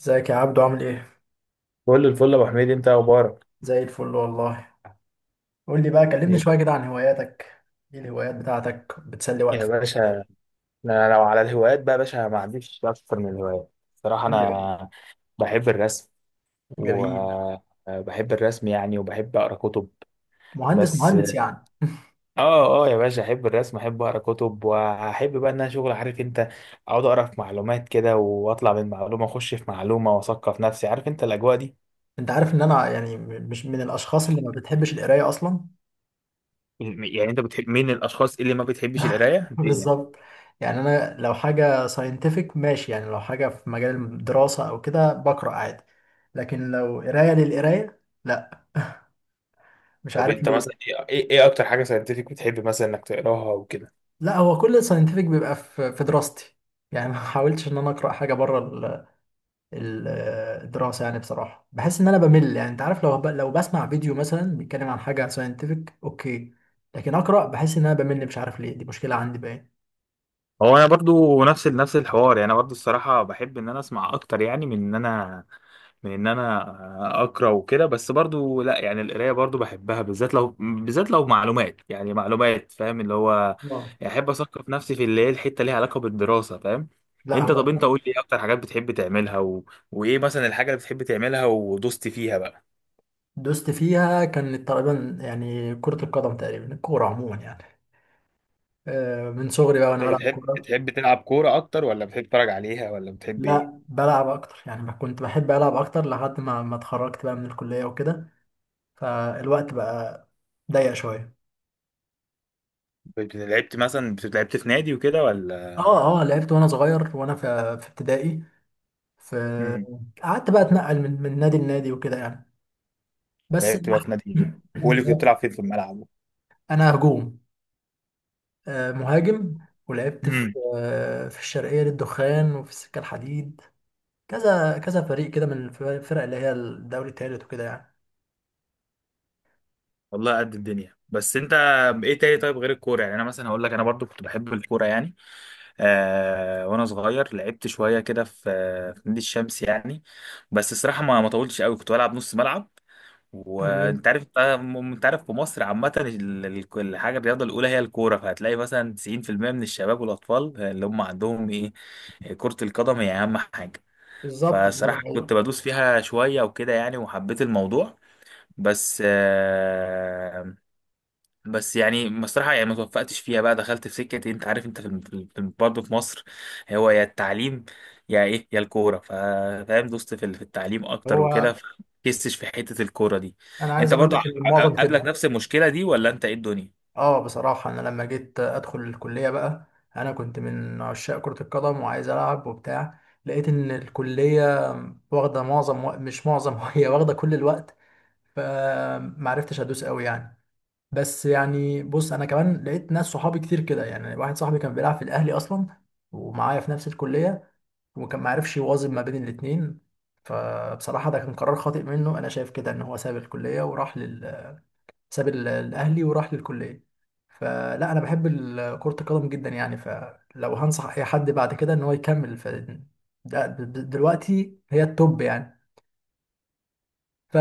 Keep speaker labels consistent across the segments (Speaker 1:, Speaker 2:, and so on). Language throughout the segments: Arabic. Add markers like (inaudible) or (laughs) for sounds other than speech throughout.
Speaker 1: ازيك يا عبدو؟ عامل ايه؟
Speaker 2: كل الفل يا ابو حميد، انت إيه اخبارك
Speaker 1: زي الفل والله. قول لي بقى، كلمني
Speaker 2: إيه؟
Speaker 1: شوية كده عن هواياتك. ايه الهوايات بتاعتك بتسلي وقت
Speaker 2: يا
Speaker 1: فراغك؟
Speaker 2: باشا، انا لو على الهوايات بقى يا باشا ما عنديش اكتر من الهوايات صراحه.
Speaker 1: جميل.
Speaker 2: انا بحب الرسم،
Speaker 1: جميل.
Speaker 2: وبحب الرسم يعني، وبحب اقرا كتب.
Speaker 1: مهندس
Speaker 2: بس
Speaker 1: مهندس يعني.
Speaker 2: اه يا باشا، احب الرسم، احب اقرا كتب، واحب بقى ان انا شغل عارف انت، اقعد اقرا في معلومات كده واطلع من معلومه اخش في معلومه واثقف نفسي، عارف انت الاجواء دي.
Speaker 1: انت عارف ان انا يعني مش من الاشخاص اللي ما بتحبش القراية اصلا.
Speaker 2: يعني انت بتحب مين الاشخاص اللي ما بتحبش القرايه؟
Speaker 1: (laughs)
Speaker 2: ليه يعني؟
Speaker 1: بالظبط. يعني انا لو حاجة ساينتفك ماشي، يعني لو حاجة في مجال الدراسة او كده بقرأ عادي، لكن لو قراية للقراية لا. مش
Speaker 2: طب
Speaker 1: عارف
Speaker 2: انت مثلا
Speaker 1: ليه.
Speaker 2: ايه ايه إيه اكتر حاجه ساينتفك بتحب مثلا انك تقراها وكده؟
Speaker 1: لا، هو كل الساينتفك بيبقى في دراستي، يعني ما حاولتش ان انا اقرأ حاجة بره ال- الدراسة. يعني بصراحة بحس إن أنا بمل، يعني أنت عارف، لو لو بسمع فيديو مثلا بيتكلم عن حاجة ساينتفك أوكي، لكن أقرأ بحس إن أنا بمل. مش عارف ليه، دي مشكلة عندي باين.
Speaker 2: هو انا برضو نفس الحوار، يعني انا برضو الصراحه بحب ان انا اسمع اكتر، يعني من ان انا اقرا وكده، بس برضو لا. يعني القرايه برضو بحبها، بالذات لو معلومات، يعني معلومات، فاهم اللي هو،
Speaker 1: اه،
Speaker 2: يعني احب اثقف نفسي في اللي هي الحته ليها علاقه بالدراسه، فاهم.
Speaker 1: لا
Speaker 2: انت
Speaker 1: هو.
Speaker 2: طب انت قول لي ايه اكتر حاجات بتحب تعملها و... وايه مثلا الحاجه اللي بتحب تعملها ودوست فيها بقى؟
Speaker 1: دوست فيها كانت تقريبا يعني كرة القدم، تقريبا الكورة عموما يعني. من صغري بقى وأنا
Speaker 2: انت
Speaker 1: بلعب
Speaker 2: بتحب
Speaker 1: كورة.
Speaker 2: بتحب تلعب كوره اكتر، ولا بتحب تتفرج عليها، ولا بتحب ايه؟
Speaker 1: لا بلعب أكتر، يعني ما كنت بحب ألعب أكتر لحد ما اتخرجت بقى من الكلية وكده، فالوقت بقى ضيق شوية.
Speaker 2: لعبت مثلا لعبت في نادي وكده، ولا؟
Speaker 1: اه، اه لعبت وانا صغير، وانا في في ابتدائي، فقعدت بقى اتنقل من نادي لنادي وكده يعني. بس
Speaker 2: لعبت بقى في نادي ايه، وقول لي كنت بتلعب فين
Speaker 1: (clears throat)
Speaker 2: في الملعب؟
Speaker 1: انا هجوم. مهاجم. ولعبت في
Speaker 2: امم
Speaker 1: في الشرقية للدخان وفي السكة الحديد، كذا كذا فريق كده، من الفرق اللي هي الدوري الثالث وكده يعني.
Speaker 2: والله قد الدنيا. بس انت، ايه تاني طيب غير الكوره؟ يعني انا مثلا هقول لك انا برضو كنت بحب الكوره يعني، آه، وانا صغير لعبت شويه كده في، في نادي الشمس يعني. بس الصراحه ما طولتش قوي، كنت بلعب نص ملعب وانت
Speaker 1: تمام.
Speaker 2: عارف. انت عارف في مصر عامه، الحاجه الرياضه الاولى هي الكوره، فهتلاقي مثلا 90% من الشباب والاطفال اللي هم عندهم ايه، كره القدم هي اهم حاجه.
Speaker 1: بالظبط، هو ده
Speaker 2: فصراحة
Speaker 1: الحقيقة.
Speaker 2: كنت بدوس فيها شوية وكده يعني، وحبيت الموضوع. بس بس يعني بصراحة يعني ما توفقتش فيها، بقى دخلت في سكة إيه، انت عارف، انت في برضه في مصر، هو يا التعليم يا ايه يا الكورة، فاهم، دوست في في التعليم اكتر
Speaker 1: هو
Speaker 2: وكده، فكستش في حتة الكورة دي.
Speaker 1: انا عايز
Speaker 2: انت
Speaker 1: اقول
Speaker 2: برضه
Speaker 1: لك ان المعظم كده.
Speaker 2: قابلك نفس المشكلة دي، ولا انت ايه الدنيا؟
Speaker 1: اه بصراحة، أنا لما جيت أدخل الكلية بقى، أنا كنت من عشاق كرة القدم وعايز ألعب وبتاع، لقيت إن الكلية واخدة معظم مش معظم، (laughs) هي واخدة كل الوقت، فمعرفتش أدوس أوي يعني. بس يعني بص، أنا كمان لقيت ناس صحابي كتير كده، يعني واحد صاحبي كان بيلعب في الأهلي أصلا ومعايا في نفس الكلية، وكان معرفش يوازن ما بين الاتنين. فبصراحة ده كان قرار خاطئ منه أنا شايف كده، إن هو ساب الكلية وراح لل، ساب الأهلي وراح للكلية. فلا انا بحب كرة القدم جدا يعني، فلو هنصح اي حد بعد كده ان هو يكمل، ف دلوقتي هي التوب يعني، ف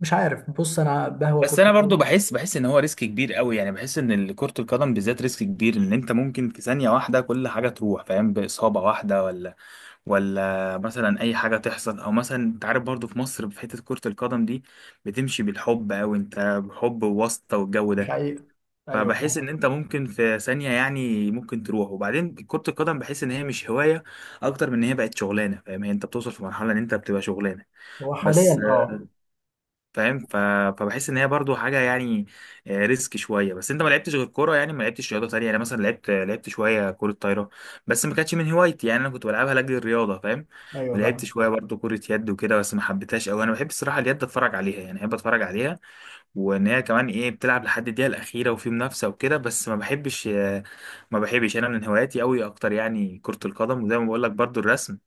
Speaker 1: مش عارف. بص انا بهوى
Speaker 2: بس
Speaker 1: كرة
Speaker 2: انا برضو
Speaker 1: القدم.
Speaker 2: بحس ان هو ريسك كبير قوي، يعني بحس ان كرة القدم بالذات ريسك كبير، ان انت ممكن في ثانية واحدة كل حاجة تروح، فاهم، بإصابة واحدة، ولا مثلا اي حاجه تحصل، او مثلا انت عارف برضو في مصر في حته كره القدم دي بتمشي بالحب، او انت حب وواسطه والجو
Speaker 1: مش
Speaker 2: ده.
Speaker 1: حقيقة. ايوه
Speaker 2: فبحس
Speaker 1: فاهم.
Speaker 2: ان انت ممكن في ثانيه، يعني ممكن تروح، وبعدين كره القدم بحس ان هي مش هوايه اكتر من ان هي بقت شغلانه، فاهم، هي انت بتوصل في مرحله ان انت بتبقى شغلانه،
Speaker 1: هو حاليا
Speaker 2: بس
Speaker 1: اه.
Speaker 2: فاهم ف... فبحس ان هي برضو حاجه يعني، ريسك شويه. بس انت ما لعبتش غير كوره، يعني ما لعبتش رياضه تانية يعني، مثلا لعبت شويه كره طايره، بس ما كانتش من هوايتي، يعني انا كنت بلعبها لاجل الرياضه فاهم.
Speaker 1: ايوه
Speaker 2: ولعبت
Speaker 1: فاهم.
Speaker 2: شويه برضو كره يد وكده، بس ما حبيتهاش قوي. انا بحب الصراحه اليد اتفرج عليها، يعني بحب اتفرج عليها، وان هي كمان ايه بتلعب لحد الدقيقه الاخيره وفي منافسه وكده، بس ما بحبش. ما بحبش انا، من هواياتي قوي اكتر يعني كره القدم، وزي ما بقول لك برضو الرسم.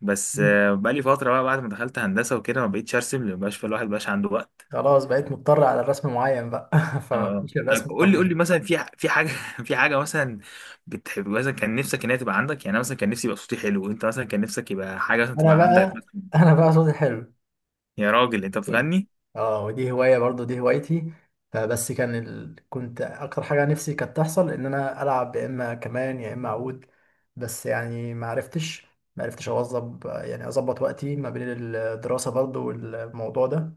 Speaker 2: بس
Speaker 1: مم.
Speaker 2: بقالي فتره بقى، بعد ما دخلت هندسه وكده ما بقيتش ارسم، لان مبقاش الواحد مبقاش عنده وقت.
Speaker 1: خلاص بقيت مضطر على الرسم معين بقى، (laughs)
Speaker 2: اه،
Speaker 1: فمش
Speaker 2: طب
Speaker 1: الرسم
Speaker 2: قول لي
Speaker 1: الطبيعي.
Speaker 2: مثلا، في في حاجه (laughs) في حاجه مثلا بتحب، مثلا كان نفسك ان هي تبقى عندك يعني. أنا مثلا كان نفسي يبقى صوتي حلو، وانت مثلا كان نفسك يبقى حاجه مثلا
Speaker 1: انا
Speaker 2: تبقى عندك.
Speaker 1: بقى انا بقى صوتي حلو.
Speaker 2: يا راجل انت بتغني؟
Speaker 1: اه ودي هواية برضو، دي هوايتي. فبس كان كنت اكتر حاجة نفسي كانت تحصل ان انا العب يا اما كمان يا اما عود. بس يعني ما عرفتش، ما عرفتش اوظب، يعني اظبط وقتي ما بين الدراسة برضو والموضوع ده.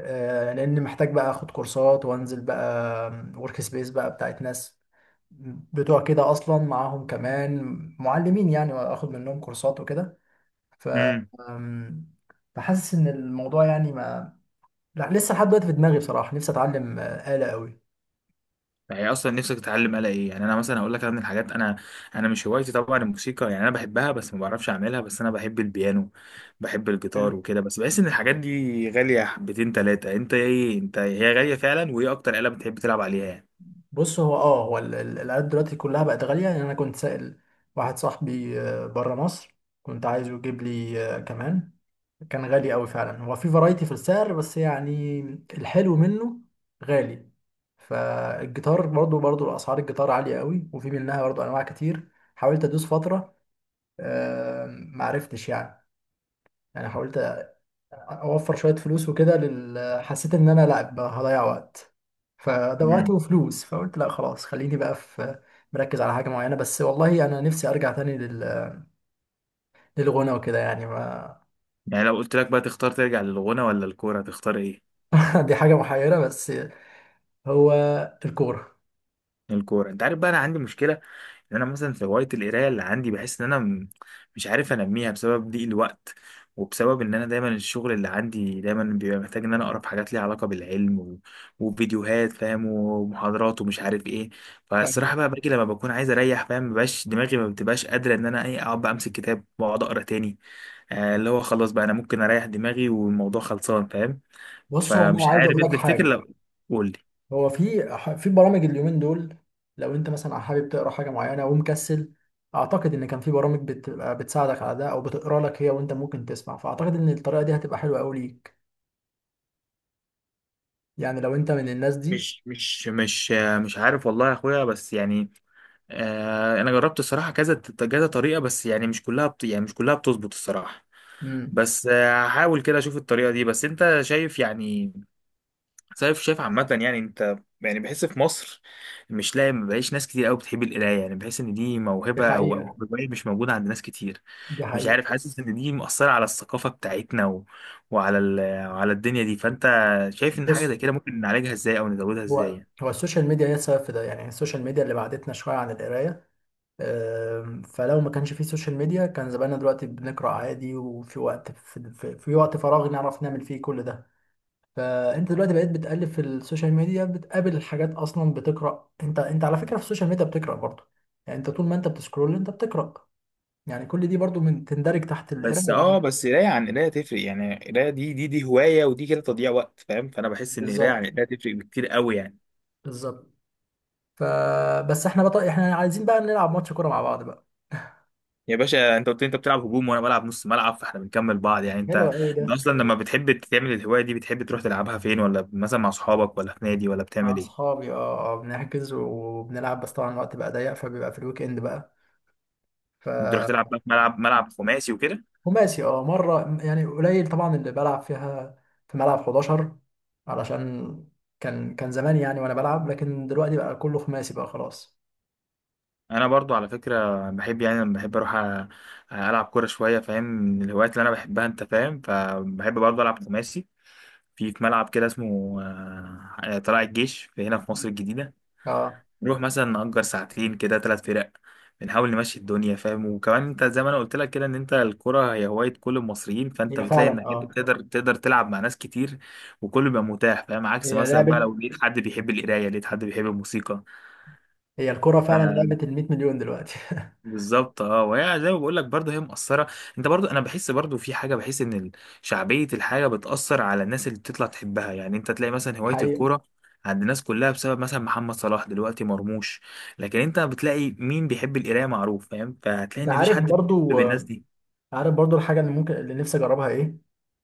Speaker 1: لان محتاج بقى اخد كورسات وانزل بقى ورك سبيس بقى بتاعت ناس بتوع كده، اصلا معاهم كمان معلمين يعني، واخد منهم كورسات وكده ف
Speaker 2: امم
Speaker 1: آم، فحاسس ان الموضوع يعني ما، لا لسه لحد دلوقتي في دماغي بصراحه، نفسي اتعلم آلة قوي.
Speaker 2: يعني اصلا نفسك تتعلم آلة ايه؟ يعني انا مثلا هقول لك، أنا من الحاجات، انا مش هوايتي طبعا الموسيقى، يعني انا بحبها بس ما بعرفش اعملها. بس انا بحب البيانو، بحب الجيتار
Speaker 1: يعني
Speaker 2: وكده، بس بحس ان الحاجات دي غاليه حبتين ثلاثه. انت ايه، انت هي غاليه فعلا، وايه اكتر آلة بتحب تلعب عليها يعني؟
Speaker 1: بص، هو اه هو الآلات دلوقتي كلها بقت غاليه يعني. انا كنت سائل واحد صاحبي بره مصر، كنت عايزه يجيب لي كمان، كان غالي قوي فعلا، هو في فرايتي في السعر بس يعني الحلو منه غالي. فالجيتار برضو، برضو اسعار الجيتار عاليه قوي، وفي منها برضو انواع كتير. حاولت ادوس فتره، آه، معرفتش يعني، يعني حاولت اوفر شويه فلوس وكده حسيت ان انا لا بقى هضيع وقت، فده وقت
Speaker 2: امم
Speaker 1: وفلوس، فقلت لا خلاص خليني بقى في، مركز على حاجه معينه بس. والله انا نفسي ارجع تاني لل، للغنى وكده يعني ما.
Speaker 2: يعني لو قلت لك بقى تختار ترجع للغنى ولا الكوره، تختار ايه؟
Speaker 1: (laughs) دي حاجه محيره بس. هو الكوره.
Speaker 2: الكوره. انت عارف بقى انا عندي مشكله، ان انا مثلا في هوايه القرايه اللي عندي بحس ان انا مش عارف انميها، بسبب ضيق الوقت، وبسبب ان انا دايما الشغل اللي عندي دايما بيبقى محتاج ان انا اقرا في حاجات ليها علاقه بالعلم و... وفيديوهات، فاهم، ومحاضرات ومش عارف ايه. فالصراحه
Speaker 1: فاهم؟
Speaker 2: بقى باجي لما بكون عايز اريح، فاهم، مبقاش دماغي ما بتبقاش قادره ان انا ايه اقعد بقى امسك كتاب واقعد اقرا تاني. آه، اللي هو خلاص بقى انا ممكن اريح دماغي والموضوع خلصان، فاهم.
Speaker 1: بص هو
Speaker 2: فمش
Speaker 1: انا عايز
Speaker 2: عارف
Speaker 1: اقول
Speaker 2: انت
Speaker 1: لك
Speaker 2: تفتكر
Speaker 1: حاجه،
Speaker 2: لو، قول.
Speaker 1: هو في في برامج اليومين دول، لو انت مثلا حابب تقرا حاجه معينه ومكسل، اعتقد ان كان في برامج بتبقى بتساعدك على ده، او بتقرا لك هي وانت ممكن تسمع. فاعتقد ان الطريقه دي هتبقى حلوه قوي ليك، يعني لو انت من الناس دي.
Speaker 2: مش مش مش مش عارف والله يا اخويا، بس يعني آه، انا جربت الصراحه كذا كذا طريقه، بس يعني مش كلها بت... يعني مش كلها بتظبط الصراحه.
Speaker 1: امم.
Speaker 2: بس هحاول كده اشوف الطريقه دي. بس انت شايف يعني، شايف عامه يعني انت، يعني بحس في مصر مش لاقي، ما بقاش ناس كتير قوي بتحب القرايه، يعني بحس ان دي
Speaker 1: دي
Speaker 2: موهبه او او
Speaker 1: حقيقة.
Speaker 2: هوايه مش موجوده عند ناس كتير.
Speaker 1: دي
Speaker 2: مش
Speaker 1: حقيقة.
Speaker 2: عارف، حاسس ان دي مؤثره على الثقافه بتاعتنا و... وعلى وعلى الدنيا دي. فانت شايف ان حاجه زي
Speaker 1: بص،
Speaker 2: كده ممكن نعالجها ازاي او نزودها
Speaker 1: هو
Speaker 2: ازاي؟
Speaker 1: هو السوشيال ميديا هي السبب في ده، يعني السوشيال ميديا اللي بعدتنا شوية عن القراية. فلو ما كانش فيه سوشيال ميديا، كان زماننا دلوقتي بنقرأ عادي، وفي وقت، في وقت فراغ نعرف نعمل فيه كل ده. فانت دلوقتي بقيت بتقلب في السوشيال ميديا، بتقابل حاجات اصلا بتقرأ. انت على فكرة في السوشيال ميديا بتقرأ برضه، يعني انت طول ما انت بتسكرول انت بتقرأ، يعني كل دي برضه من تندرج تحت
Speaker 2: بس
Speaker 1: القراية
Speaker 2: اه،
Speaker 1: يعني.
Speaker 2: بس قرايه عن قرايه تفرق، يعني قرايه دي هوايه ودي كده تضييع وقت فاهم، فانا بحس ان قرايه
Speaker 1: بالظبط.
Speaker 2: عن قرايه تفرق بكتير قوي يعني.
Speaker 1: بالظبط. احنا عايزين بقى نلعب ماتش كورة مع بعض بقى.
Speaker 2: يا باشا، انت قلت لي انت بتلعب هجوم وانا بلعب نص ملعب، فاحنا بنكمل بعض يعني. انت،
Speaker 1: حلو قوي ده.
Speaker 2: انت اصلا لما بتحب تعمل الهوايه دي بتحب تروح تلعبها فين؟ ولا مثلا مع اصحابك، ولا في نادي، ولا
Speaker 1: مع
Speaker 2: بتعمل ايه؟
Speaker 1: اصحابي اه، بنحجز وبنلعب. بس طبعا الوقت بقى ضيق، فبيبقى في الويك اند بقى ف.
Speaker 2: بتروح تلعب بقى في ملعب، خماسي وكده؟
Speaker 1: خماسي اه، مرة يعني قليل طبعا اللي بلعب فيها في ملعب 11 علشان، كان كان زمان يعني وانا بلعب، لكن دلوقتي بقى كله خماسي بقى خلاص.
Speaker 2: انا برضو على فكره بحب، يعني لما بحب اروح العب كوره شويه، فاهم، من الهوايات اللي انا بحبها انت فاهم، فبحب برضو العب خماسي في، في ملعب كده اسمه طلائع الجيش، في هنا في مصر الجديدة.
Speaker 1: اه
Speaker 2: نروح مثلا نأجر ساعتين كده ثلاث فرق، بنحاول نمشي الدنيا فاهم. وكمان انت زي ما انا قلت لك كده، ان انت الكرة هي هواية كل المصريين، فانت
Speaker 1: هي
Speaker 2: بتلاقي
Speaker 1: فعلا
Speaker 2: انك انت
Speaker 1: اه،
Speaker 2: تقدر تلعب مع ناس كتير وكله بيبقى متاح، فاهم، عكس
Speaker 1: هي
Speaker 2: مثلا بقى
Speaker 1: لعبة،
Speaker 2: لو لقيت حد بيحب القراية، لقيت حد بيحب الموسيقى.
Speaker 1: هي الكرة فعلا لعبة ال 100 مليون دلوقتي.
Speaker 2: بالظبط، اه، وهي زي ما بقول لك برضه هي مؤثره. انت برضه انا بحس برضه في حاجه، بحس ان شعبيه الحاجه بتاثر على الناس اللي بتطلع تحبها، يعني انت تلاقي مثلا
Speaker 1: (laughs)
Speaker 2: هوايه
Speaker 1: حقيقة.
Speaker 2: الكوره عند الناس كلها بسبب مثلا محمد صلاح دلوقتي مرموش. لكن انت بتلاقي مين بيحب القرايه معروف، فاهم، فهتلاقي
Speaker 1: انت
Speaker 2: ان مفيش
Speaker 1: عارف
Speaker 2: حد بيحب
Speaker 1: برضو
Speaker 2: الناس دي.
Speaker 1: عارف برضو الحاجة اللي ممكن اللي نفسي أجربها إيه؟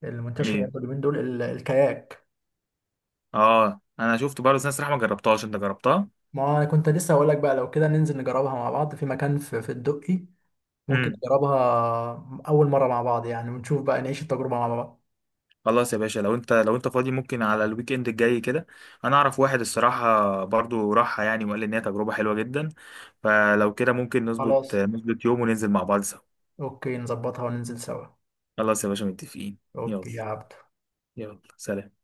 Speaker 1: المنتشرة
Speaker 2: ايه؟
Speaker 1: برضو اليومين دول الكاياك.
Speaker 2: اه، انا شفت برضه ناس صراحه ما جربتهاش. انت جربتها؟
Speaker 1: ما أنا كنت لسه هقول لك بقى، لو كده ننزل نجربها مع بعض، في مكان في الدقي، ممكن
Speaker 2: إمم.
Speaker 1: نجربها أول مرة مع بعض يعني، ونشوف بقى نعيش التجربة مع بعض.
Speaker 2: خلاص يا باشا، لو انت، لو انت فاضي ممكن على الويك اند الجاي كده، انا اعرف واحد الصراحه برضو راحها يعني، وقال لي ان هي تجربه حلوه جدا. فلو كده ممكن نظبط
Speaker 1: خلاص.
Speaker 2: نظبط يوم وننزل مع بعض سوا.
Speaker 1: أوكي نظبطها وننزل سوا.
Speaker 2: خلاص يا باشا متفقين. يلا،
Speaker 1: أوكي يا عبد.
Speaker 2: يلا سلام.